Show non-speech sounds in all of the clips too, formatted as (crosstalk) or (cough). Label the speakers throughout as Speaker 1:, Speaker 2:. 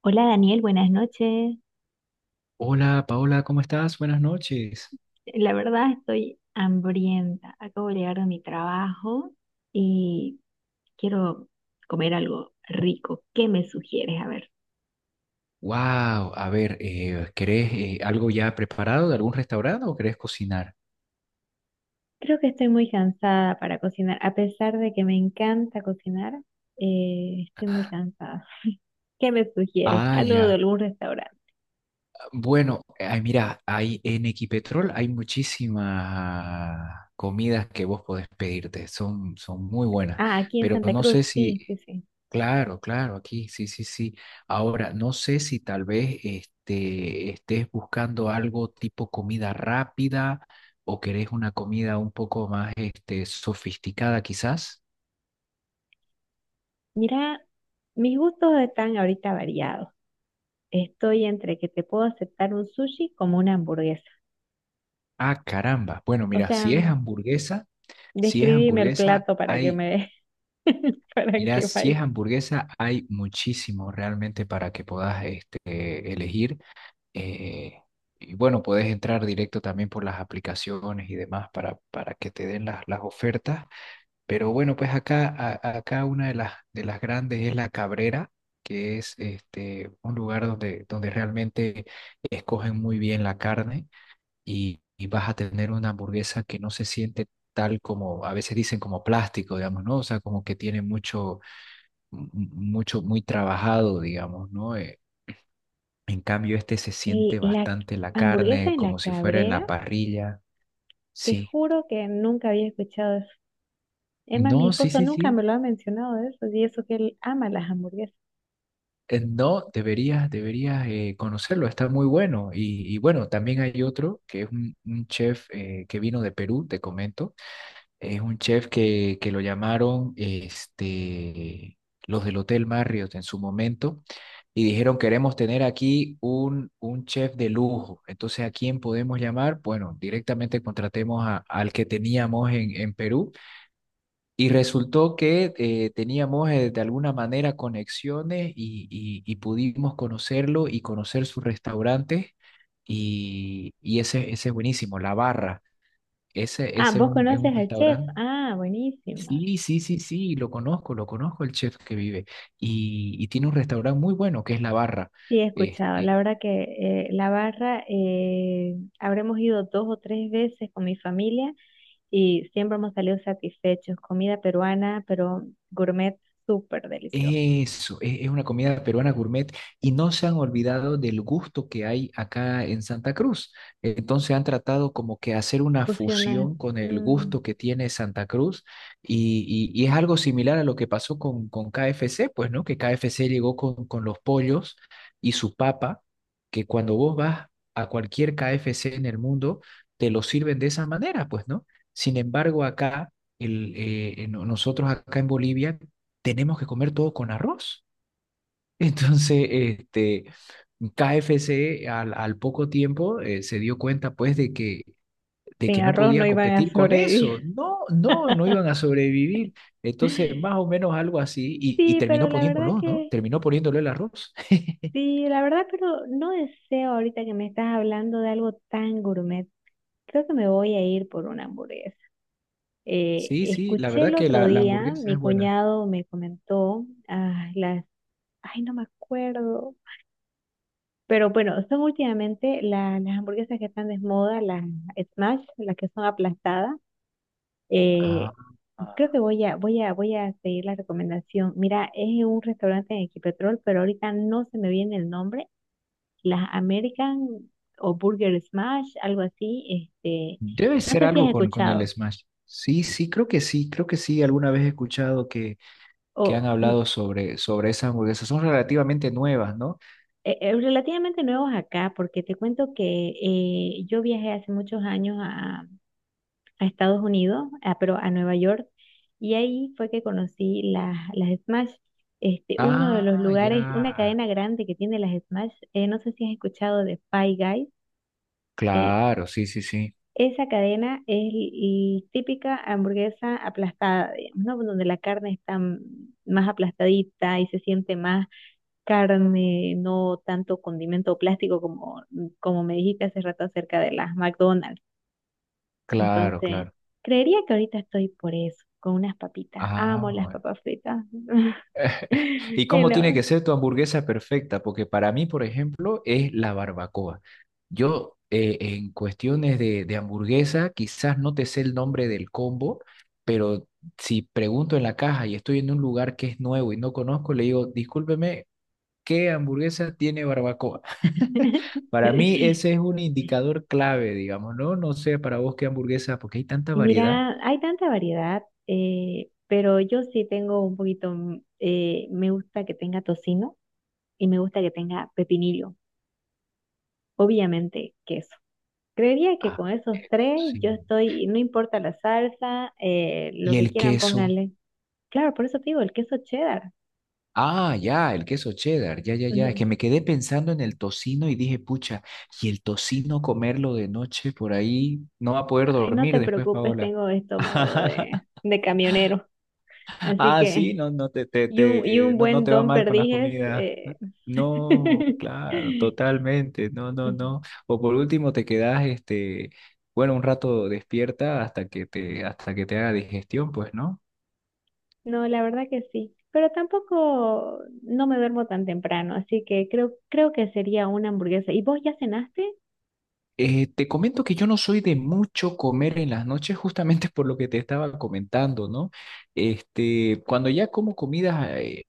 Speaker 1: Hola Daniel, buenas noches.
Speaker 2: Hola Paola, ¿cómo estás? Buenas noches.
Speaker 1: La verdad estoy hambrienta. Acabo de llegar de mi trabajo y quiero comer algo rico. ¿Qué me sugieres? A ver.
Speaker 2: Wow, a ver, ¿querés algo ya preparado de algún restaurante o querés cocinar?
Speaker 1: Creo que estoy muy cansada para cocinar. A pesar de que me encanta cocinar, estoy muy cansada. (laughs) ¿Qué me sugieres?
Speaker 2: Ah,
Speaker 1: Algo de
Speaker 2: ya.
Speaker 1: algún restaurante.
Speaker 2: Bueno, ay, mira, hay en Equipetrol hay muchísimas comidas que vos podés pedirte, son muy buenas,
Speaker 1: Ah, aquí en
Speaker 2: pero
Speaker 1: Santa
Speaker 2: no
Speaker 1: Cruz.
Speaker 2: sé si...
Speaker 1: Sí, sí, sí.
Speaker 2: Claro, claro, aquí, sí, sí, sí. Ahora, no sé si tal vez estés buscando algo tipo comida rápida o querés una comida un poco más sofisticada quizás.
Speaker 1: Mira, mis gustos están ahorita variados. Estoy entre que te puedo aceptar un sushi como una hamburguesa.
Speaker 2: Ah, caramba. Bueno,
Speaker 1: O
Speaker 2: mira,
Speaker 1: sea,
Speaker 2: si es hamburguesa, si es
Speaker 1: describime el
Speaker 2: hamburguesa,
Speaker 1: plato para que
Speaker 2: hay,
Speaker 1: me (laughs) para
Speaker 2: mira,
Speaker 1: que
Speaker 2: si
Speaker 1: vaya.
Speaker 2: es hamburguesa, hay muchísimo realmente para que puedas elegir. Eh, y bueno, puedes entrar directo también por las aplicaciones y demás para que te den las ofertas. Pero bueno, pues acá, acá una de de las grandes es La Cabrera, que es un lugar donde realmente escogen muy bien la carne y vas a tener una hamburguesa que no se siente tal como, a veces dicen como plástico, digamos, ¿no? O sea, como que tiene mucho, mucho, muy trabajado, digamos, ¿no? En cambio, este se
Speaker 1: Y
Speaker 2: siente
Speaker 1: la
Speaker 2: bastante la
Speaker 1: hamburguesa
Speaker 2: carne,
Speaker 1: en la
Speaker 2: como si fuera en la
Speaker 1: Cabrera,
Speaker 2: parrilla.
Speaker 1: te
Speaker 2: Sí.
Speaker 1: juro que nunca había escuchado eso. Es más, mi
Speaker 2: No, sí,
Speaker 1: esposo
Speaker 2: sí,
Speaker 1: nunca
Speaker 2: sí.
Speaker 1: me lo ha mencionado eso, y eso que él ama las hamburguesas.
Speaker 2: No, deberías, deberías conocerlo, está muy bueno. Y bueno, también hay otro que es un chef que vino de Perú, te comento. Es un chef que lo llamaron los del Hotel Marriott en su momento y dijeron, queremos tener aquí un chef de lujo. Entonces, ¿a quién podemos llamar? Bueno, directamente contratemos al que teníamos en Perú y resultó que teníamos de alguna manera conexiones y, y pudimos conocerlo y conocer sus restaurantes. Y ese, ese es buenísimo, La Barra. Ese,
Speaker 1: Ah,
Speaker 2: ese es
Speaker 1: ¿vos
Speaker 2: es un
Speaker 1: conoces al chef?
Speaker 2: restaurante.
Speaker 1: Ah, buenísima.
Speaker 2: Sí, sí, sí, sí, lo conozco el chef que vive. Y tiene un restaurante muy bueno que es La Barra.
Speaker 1: Sí, he escuchado. La
Speaker 2: Este...
Speaker 1: verdad que la barra, habremos ido dos o tres veces con mi familia y siempre hemos salido satisfechos. Comida peruana, pero gourmet súper deliciosa.
Speaker 2: Eso, es una comida peruana gourmet y no se han olvidado del gusto que hay acá en Santa Cruz. Entonces han tratado como que hacer una
Speaker 1: Fusionar.
Speaker 2: fusión con el
Speaker 1: Mm,
Speaker 2: gusto que tiene Santa Cruz y, y es algo similar a lo que pasó con KFC, pues, ¿no? Que KFC llegó con los pollos y su papa, que cuando vos vas a cualquier KFC en el mundo, te lo sirven de esa manera, pues, ¿no? Sin embargo, acá... El, nosotros acá en Bolivia tenemos que comer todo con arroz. (laughs) Entonces, este, KFC al poco tiempo se dio cuenta pues de
Speaker 1: sin
Speaker 2: que no
Speaker 1: arroz
Speaker 2: podía
Speaker 1: no iban a
Speaker 2: competir con
Speaker 1: sobrevivir.
Speaker 2: eso. No, no, no iban a
Speaker 1: (laughs)
Speaker 2: sobrevivir. Entonces, más o menos algo así, y
Speaker 1: Sí,
Speaker 2: terminó
Speaker 1: pero la verdad
Speaker 2: poniéndolo, ¿no?
Speaker 1: que,
Speaker 2: Terminó poniéndole el arroz. (laughs)
Speaker 1: sí, la verdad, pero no deseo ahorita que me estás hablando de algo tan gourmet. Creo que me voy a ir por una hamburguesa.
Speaker 2: Sí, sí, la
Speaker 1: Escuché el
Speaker 2: verdad que
Speaker 1: otro
Speaker 2: la
Speaker 1: día,
Speaker 2: hamburguesa
Speaker 1: mi
Speaker 2: es buena.
Speaker 1: cuñado me comentó, ah, las, ay, no me acuerdo, pero bueno, son últimamente las hamburguesas que están de moda, las smash, las que son aplastadas. Eh,
Speaker 2: Ah,
Speaker 1: creo que voy a seguir la recomendación. Mira, es un restaurante en Equipetrol, pero ahorita no se me viene el nombre. Las American o Burger Smash, algo así. Este,
Speaker 2: debe
Speaker 1: no
Speaker 2: ser
Speaker 1: sé si
Speaker 2: algo
Speaker 1: has
Speaker 2: con el
Speaker 1: escuchado.
Speaker 2: Smash. Sí, sí, creo que sí, creo que sí. Alguna vez he escuchado
Speaker 1: O
Speaker 2: que han
Speaker 1: mm,
Speaker 2: hablado sobre, sobre esas hamburguesas. Son relativamente nuevas, ¿no?
Speaker 1: relativamente nuevos acá, porque te cuento que yo viajé hace muchos años a Estados Unidos, a- pero a Nueva York, y ahí fue que conocí las Smash. Este, uno de los
Speaker 2: Ah, ya.
Speaker 1: lugares, una cadena grande que tiene las Smash, no sé si has escuchado de Five Guys, eh,
Speaker 2: Claro, sí, sí, sí.
Speaker 1: esa cadena es típica hamburguesa aplastada, digamos, ¿no? Donde la carne está mm, más aplastadita y se siente más carne, no tanto condimento plástico como, como me dijiste hace rato acerca de las McDonald's.
Speaker 2: Claro,
Speaker 1: Entonces,
Speaker 2: claro.
Speaker 1: creería que ahorita estoy por eso, con unas papitas. Amo
Speaker 2: Ah,
Speaker 1: las
Speaker 2: bueno.
Speaker 1: papas fritas. (laughs)
Speaker 2: (laughs) ¿Y cómo tiene
Speaker 1: No.
Speaker 2: que ser tu hamburguesa perfecta? Porque para mí, por ejemplo, es la barbacoa. Yo, en cuestiones de hamburguesa, quizás no te sé el nombre del combo, pero si pregunto en la caja y estoy en un lugar que es nuevo y no conozco, le digo, discúlpeme, ¿qué hamburguesa tiene barbacoa? (laughs)
Speaker 1: (laughs)
Speaker 2: Para mí ese es un indicador clave, digamos, ¿no? No sé para vos qué hamburguesa, porque hay tanta
Speaker 1: Y
Speaker 2: variedad.
Speaker 1: mira, hay tanta variedad, pero yo sí tengo un poquito, mm, me gusta que tenga tocino y me gusta que tenga pepinillo, obviamente queso. Creería que
Speaker 2: Ah,
Speaker 1: con esos
Speaker 2: esto
Speaker 1: tres
Speaker 2: sí.
Speaker 1: yo estoy, no importa la salsa, lo
Speaker 2: Y
Speaker 1: que
Speaker 2: el
Speaker 1: quieran
Speaker 2: queso.
Speaker 1: pónganle. Claro, por eso te digo, el queso cheddar.
Speaker 2: Ah, ya, el queso cheddar, ya, ya, ya. Es que me
Speaker 1: (laughs)
Speaker 2: quedé pensando en el tocino y dije, pucha, y el tocino comerlo de noche por ahí, no va a poder
Speaker 1: Ay, no
Speaker 2: dormir
Speaker 1: te
Speaker 2: después,
Speaker 1: preocupes,
Speaker 2: Paola.
Speaker 1: tengo estómago
Speaker 2: (laughs)
Speaker 1: de camionero. Así
Speaker 2: Ah, sí,
Speaker 1: que,
Speaker 2: no, no te, te,
Speaker 1: y un
Speaker 2: no, no
Speaker 1: buen
Speaker 2: te va
Speaker 1: don
Speaker 2: mal con las
Speaker 1: perdiges.
Speaker 2: comidas, ¿no? No, claro,
Speaker 1: (laughs)
Speaker 2: totalmente. No, no, no. O por último te quedas, bueno, un rato despierta hasta que te haga digestión, pues, ¿no?
Speaker 1: No, la verdad que sí. Pero tampoco no me duermo tan temprano, así que creo que sería una hamburguesa. ¿Y vos ya cenaste?
Speaker 2: Te comento que yo no soy de mucho comer en las noches, justamente (laughs) por lo que te estaba comentando, ¿no? Este, cuando ya como comidas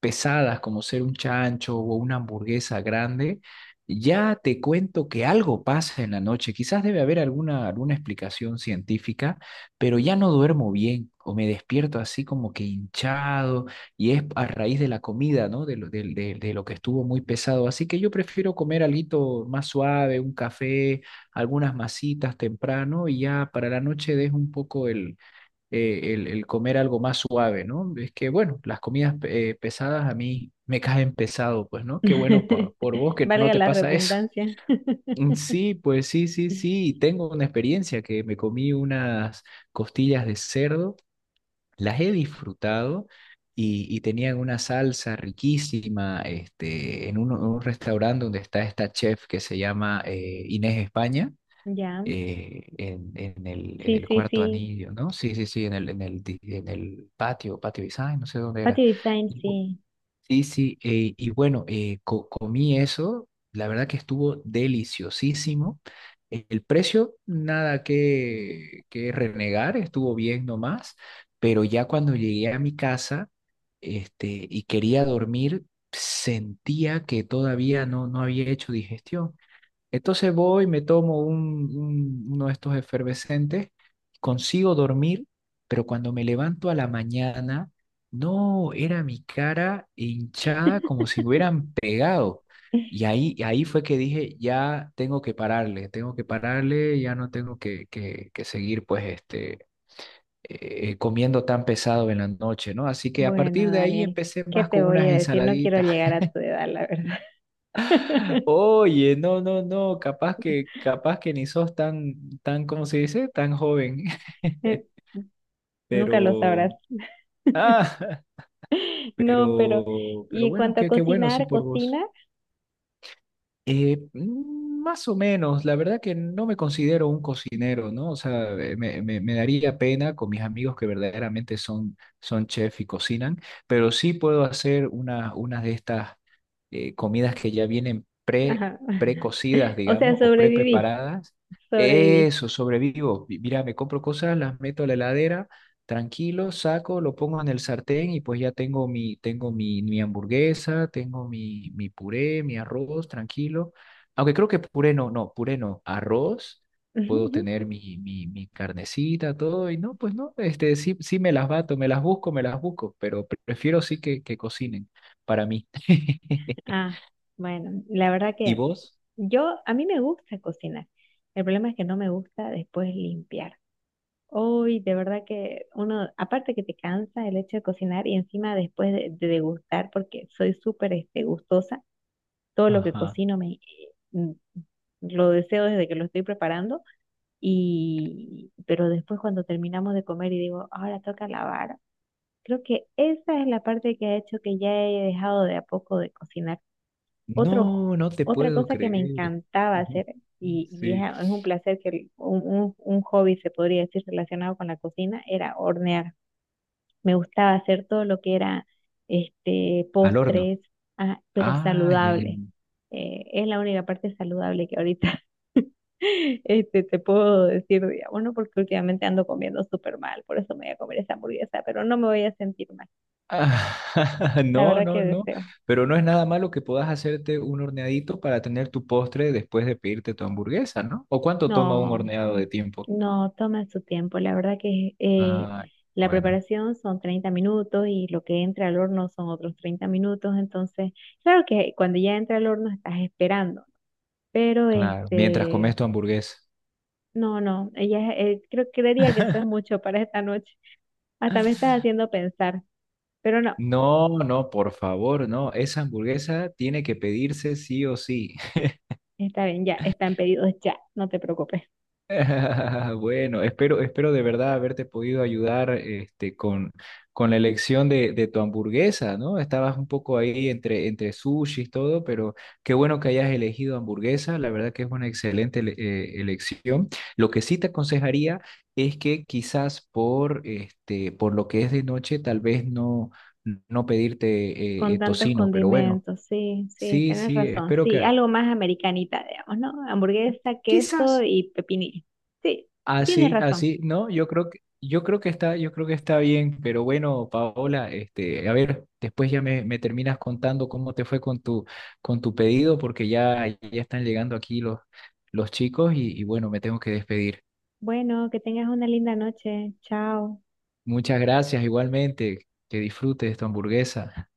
Speaker 2: pesadas como ser un chancho o una hamburguesa grande, ya te cuento que algo pasa en la noche. Quizás debe haber alguna explicación científica, pero ya no duermo bien o me despierto así como que hinchado y es a raíz de la comida, ¿no? De lo, de lo que estuvo muy pesado. Así que yo prefiero comer alguito más suave, un café, algunas masitas temprano y ya para la noche dejo un poco el el comer algo más suave, ¿no? Es que, bueno, las comidas pesadas a mí me caen pesado, pues, ¿no? Qué bueno por vos
Speaker 1: (laughs)
Speaker 2: que no
Speaker 1: Valga
Speaker 2: te
Speaker 1: la
Speaker 2: pasa eso. (laughs)
Speaker 1: redundancia.
Speaker 2: Mm, sí, pues sí, sí, sí. Tengo una experiencia que me comí unas costillas de cerdo, las he disfrutado y tenían una salsa riquísima en un restaurante donde está esta chef que se llama Inés España
Speaker 1: Ya.
Speaker 2: en
Speaker 1: Sí,
Speaker 2: el
Speaker 1: sí,
Speaker 2: cuarto
Speaker 1: sí.
Speaker 2: anillo, ¿no? Sí, sí, sí, en el, en el, en el patio, patio design, no sé dónde era.
Speaker 1: Patio Design,
Speaker 2: Y bu-
Speaker 1: sí.
Speaker 2: Sí, sí, y bueno, comí eso, la verdad que estuvo deliciosísimo. El precio, nada que renegar, estuvo bien nomás, pero ya cuando llegué a mi casa, y quería dormir, sentía que todavía no, no había hecho digestión. Entonces voy, me tomo uno de estos efervescentes, consigo dormir, pero cuando me levanto a la mañana, no, era mi cara hinchada como si me hubieran pegado. Y ahí, ahí fue que dije, ya tengo que pararle, ya no tengo que, que seguir pues comiendo tan pesado en la noche, ¿no? Así que a partir
Speaker 1: Bueno,
Speaker 2: de ahí
Speaker 1: Daniel,
Speaker 2: empecé
Speaker 1: ¿qué
Speaker 2: más
Speaker 1: te
Speaker 2: con
Speaker 1: voy
Speaker 2: unas
Speaker 1: a decir? No quiero
Speaker 2: ensaladitas.
Speaker 1: llegar a tu edad, la verdad.
Speaker 2: Oye, no, no, no, capaz que ni sos tan, tan, ¿cómo se dice? Tan joven.
Speaker 1: (laughs)
Speaker 2: (laughs)
Speaker 1: Nunca lo sabrás.
Speaker 2: Pero, ah,
Speaker 1: No, pero y
Speaker 2: pero
Speaker 1: en
Speaker 2: bueno,
Speaker 1: cuanto a
Speaker 2: qué, qué bueno, sí,
Speaker 1: cocinar,
Speaker 2: por vos.
Speaker 1: cocina,
Speaker 2: Más o menos, la verdad que no me considero un cocinero, ¿no? O sea, me, me daría pena con mis amigos que verdaderamente son, son chef y cocinan, pero sí puedo hacer una, unas de estas comidas que ya vienen pre,
Speaker 1: ajá.
Speaker 2: precocidas,
Speaker 1: (laughs) O sea,
Speaker 2: digamos, o
Speaker 1: sobreviví,
Speaker 2: pre-preparadas.
Speaker 1: sobreviví.
Speaker 2: Eso, sobrevivo. Mira, me compro cosas, las meto a la heladera. Tranquilo, saco, lo pongo en el sartén y pues ya tengo mi, mi hamburguesa, tengo mi, mi puré, mi arroz, tranquilo. Aunque creo que puré no, no, puré no, arroz, puedo tener
Speaker 1: (laughs)
Speaker 2: mi, mi, mi carnecita, todo, y no, pues no, este, sí, sí me las bato, me las busco, pero prefiero sí que cocinen para mí. (laughs)
Speaker 1: Ah, bueno, la verdad
Speaker 2: ¿Y
Speaker 1: que
Speaker 2: vos?
Speaker 1: yo, a mí me gusta cocinar. El problema es que no me gusta después limpiar. Hoy, de verdad que uno, aparte que te cansa el hecho de cocinar y encima después de degustar, porque soy súper este, gustosa, todo lo que
Speaker 2: Ajá.
Speaker 1: cocino me, mm, lo deseo desde que lo estoy preparando. Y, pero después cuando terminamos de comer y digo, ahora toca lavar, creo que esa es la parte que ha hecho que ya he dejado de a poco de cocinar. Otro,
Speaker 2: No, no te
Speaker 1: otra
Speaker 2: puedo
Speaker 1: cosa que me
Speaker 2: creer.
Speaker 1: encantaba hacer,
Speaker 2: (laughs) Sí.
Speaker 1: es un placer que, un hobby se podría decir relacionado con la cocina, era hornear. Me gustaba hacer todo lo que era este,
Speaker 2: Al horno.
Speaker 1: postres, ah, pero
Speaker 2: Ah, ya, ya.
Speaker 1: saludable. Es la única parte saludable que ahorita (laughs) este, te puedo decir, digamos, ¿no? Porque últimamente ando comiendo súper mal, por eso me voy a comer esa hamburguesa, pero no me voy a sentir mal.
Speaker 2: Ah, (laughs)
Speaker 1: La
Speaker 2: no,
Speaker 1: verdad
Speaker 2: no,
Speaker 1: que
Speaker 2: no,
Speaker 1: deseo.
Speaker 2: pero no es nada malo que puedas hacerte un horneadito para tener tu postre después de pedirte tu hamburguesa, ¿no? ¿O cuánto toma un
Speaker 1: No,
Speaker 2: horneado
Speaker 1: mm,
Speaker 2: de tiempo?
Speaker 1: no, toma su tiempo. La verdad que
Speaker 2: Ah,
Speaker 1: la
Speaker 2: bueno,
Speaker 1: preparación son 30 minutos y lo que entra al horno son otros 30 minutos. Entonces, claro que cuando ya entra al horno estás esperando. Pero
Speaker 2: claro, mientras
Speaker 1: este,
Speaker 2: comes tu hamburguesa.
Speaker 1: no, no, ella creo, creería que eso es mucho para esta noche. Hasta me estás haciendo pensar, pero no,
Speaker 2: No, no, por favor, no, esa hamburguesa tiene que pedirse sí o sí.
Speaker 1: está bien, ya, están pedidos ya, no te preocupes.
Speaker 2: (laughs) Bueno, espero, espero de verdad haberte podido ayudar con la elección de tu hamburguesa, ¿no? Estabas un poco ahí entre, entre sushi y todo, pero qué bueno que hayas elegido hamburguesa, la verdad que es una excelente elección. Lo que sí te aconsejaría es que quizás por, por lo que es de noche, tal vez no, no pedirte
Speaker 1: Con tantos
Speaker 2: tocino, pero bueno,
Speaker 1: condimentos, sí, sí,
Speaker 2: sí,
Speaker 1: tienes
Speaker 2: sí,
Speaker 1: razón,
Speaker 2: espero
Speaker 1: sí,
Speaker 2: que
Speaker 1: algo más americanita, digamos, ¿no? Hamburguesa, queso
Speaker 2: quizás...
Speaker 1: y pepinillo. Sí, tienes
Speaker 2: Así,
Speaker 1: razón.
Speaker 2: así, no, yo creo que está, yo creo que está bien, pero bueno, Paola, a ver, después ya me terminas contando cómo te fue con tu pedido, porque ya, ya están llegando aquí los chicos y bueno, me tengo que despedir.
Speaker 1: Bueno, que tengas una linda noche, chao.
Speaker 2: Muchas gracias, igualmente, que disfrutes tu hamburguesa.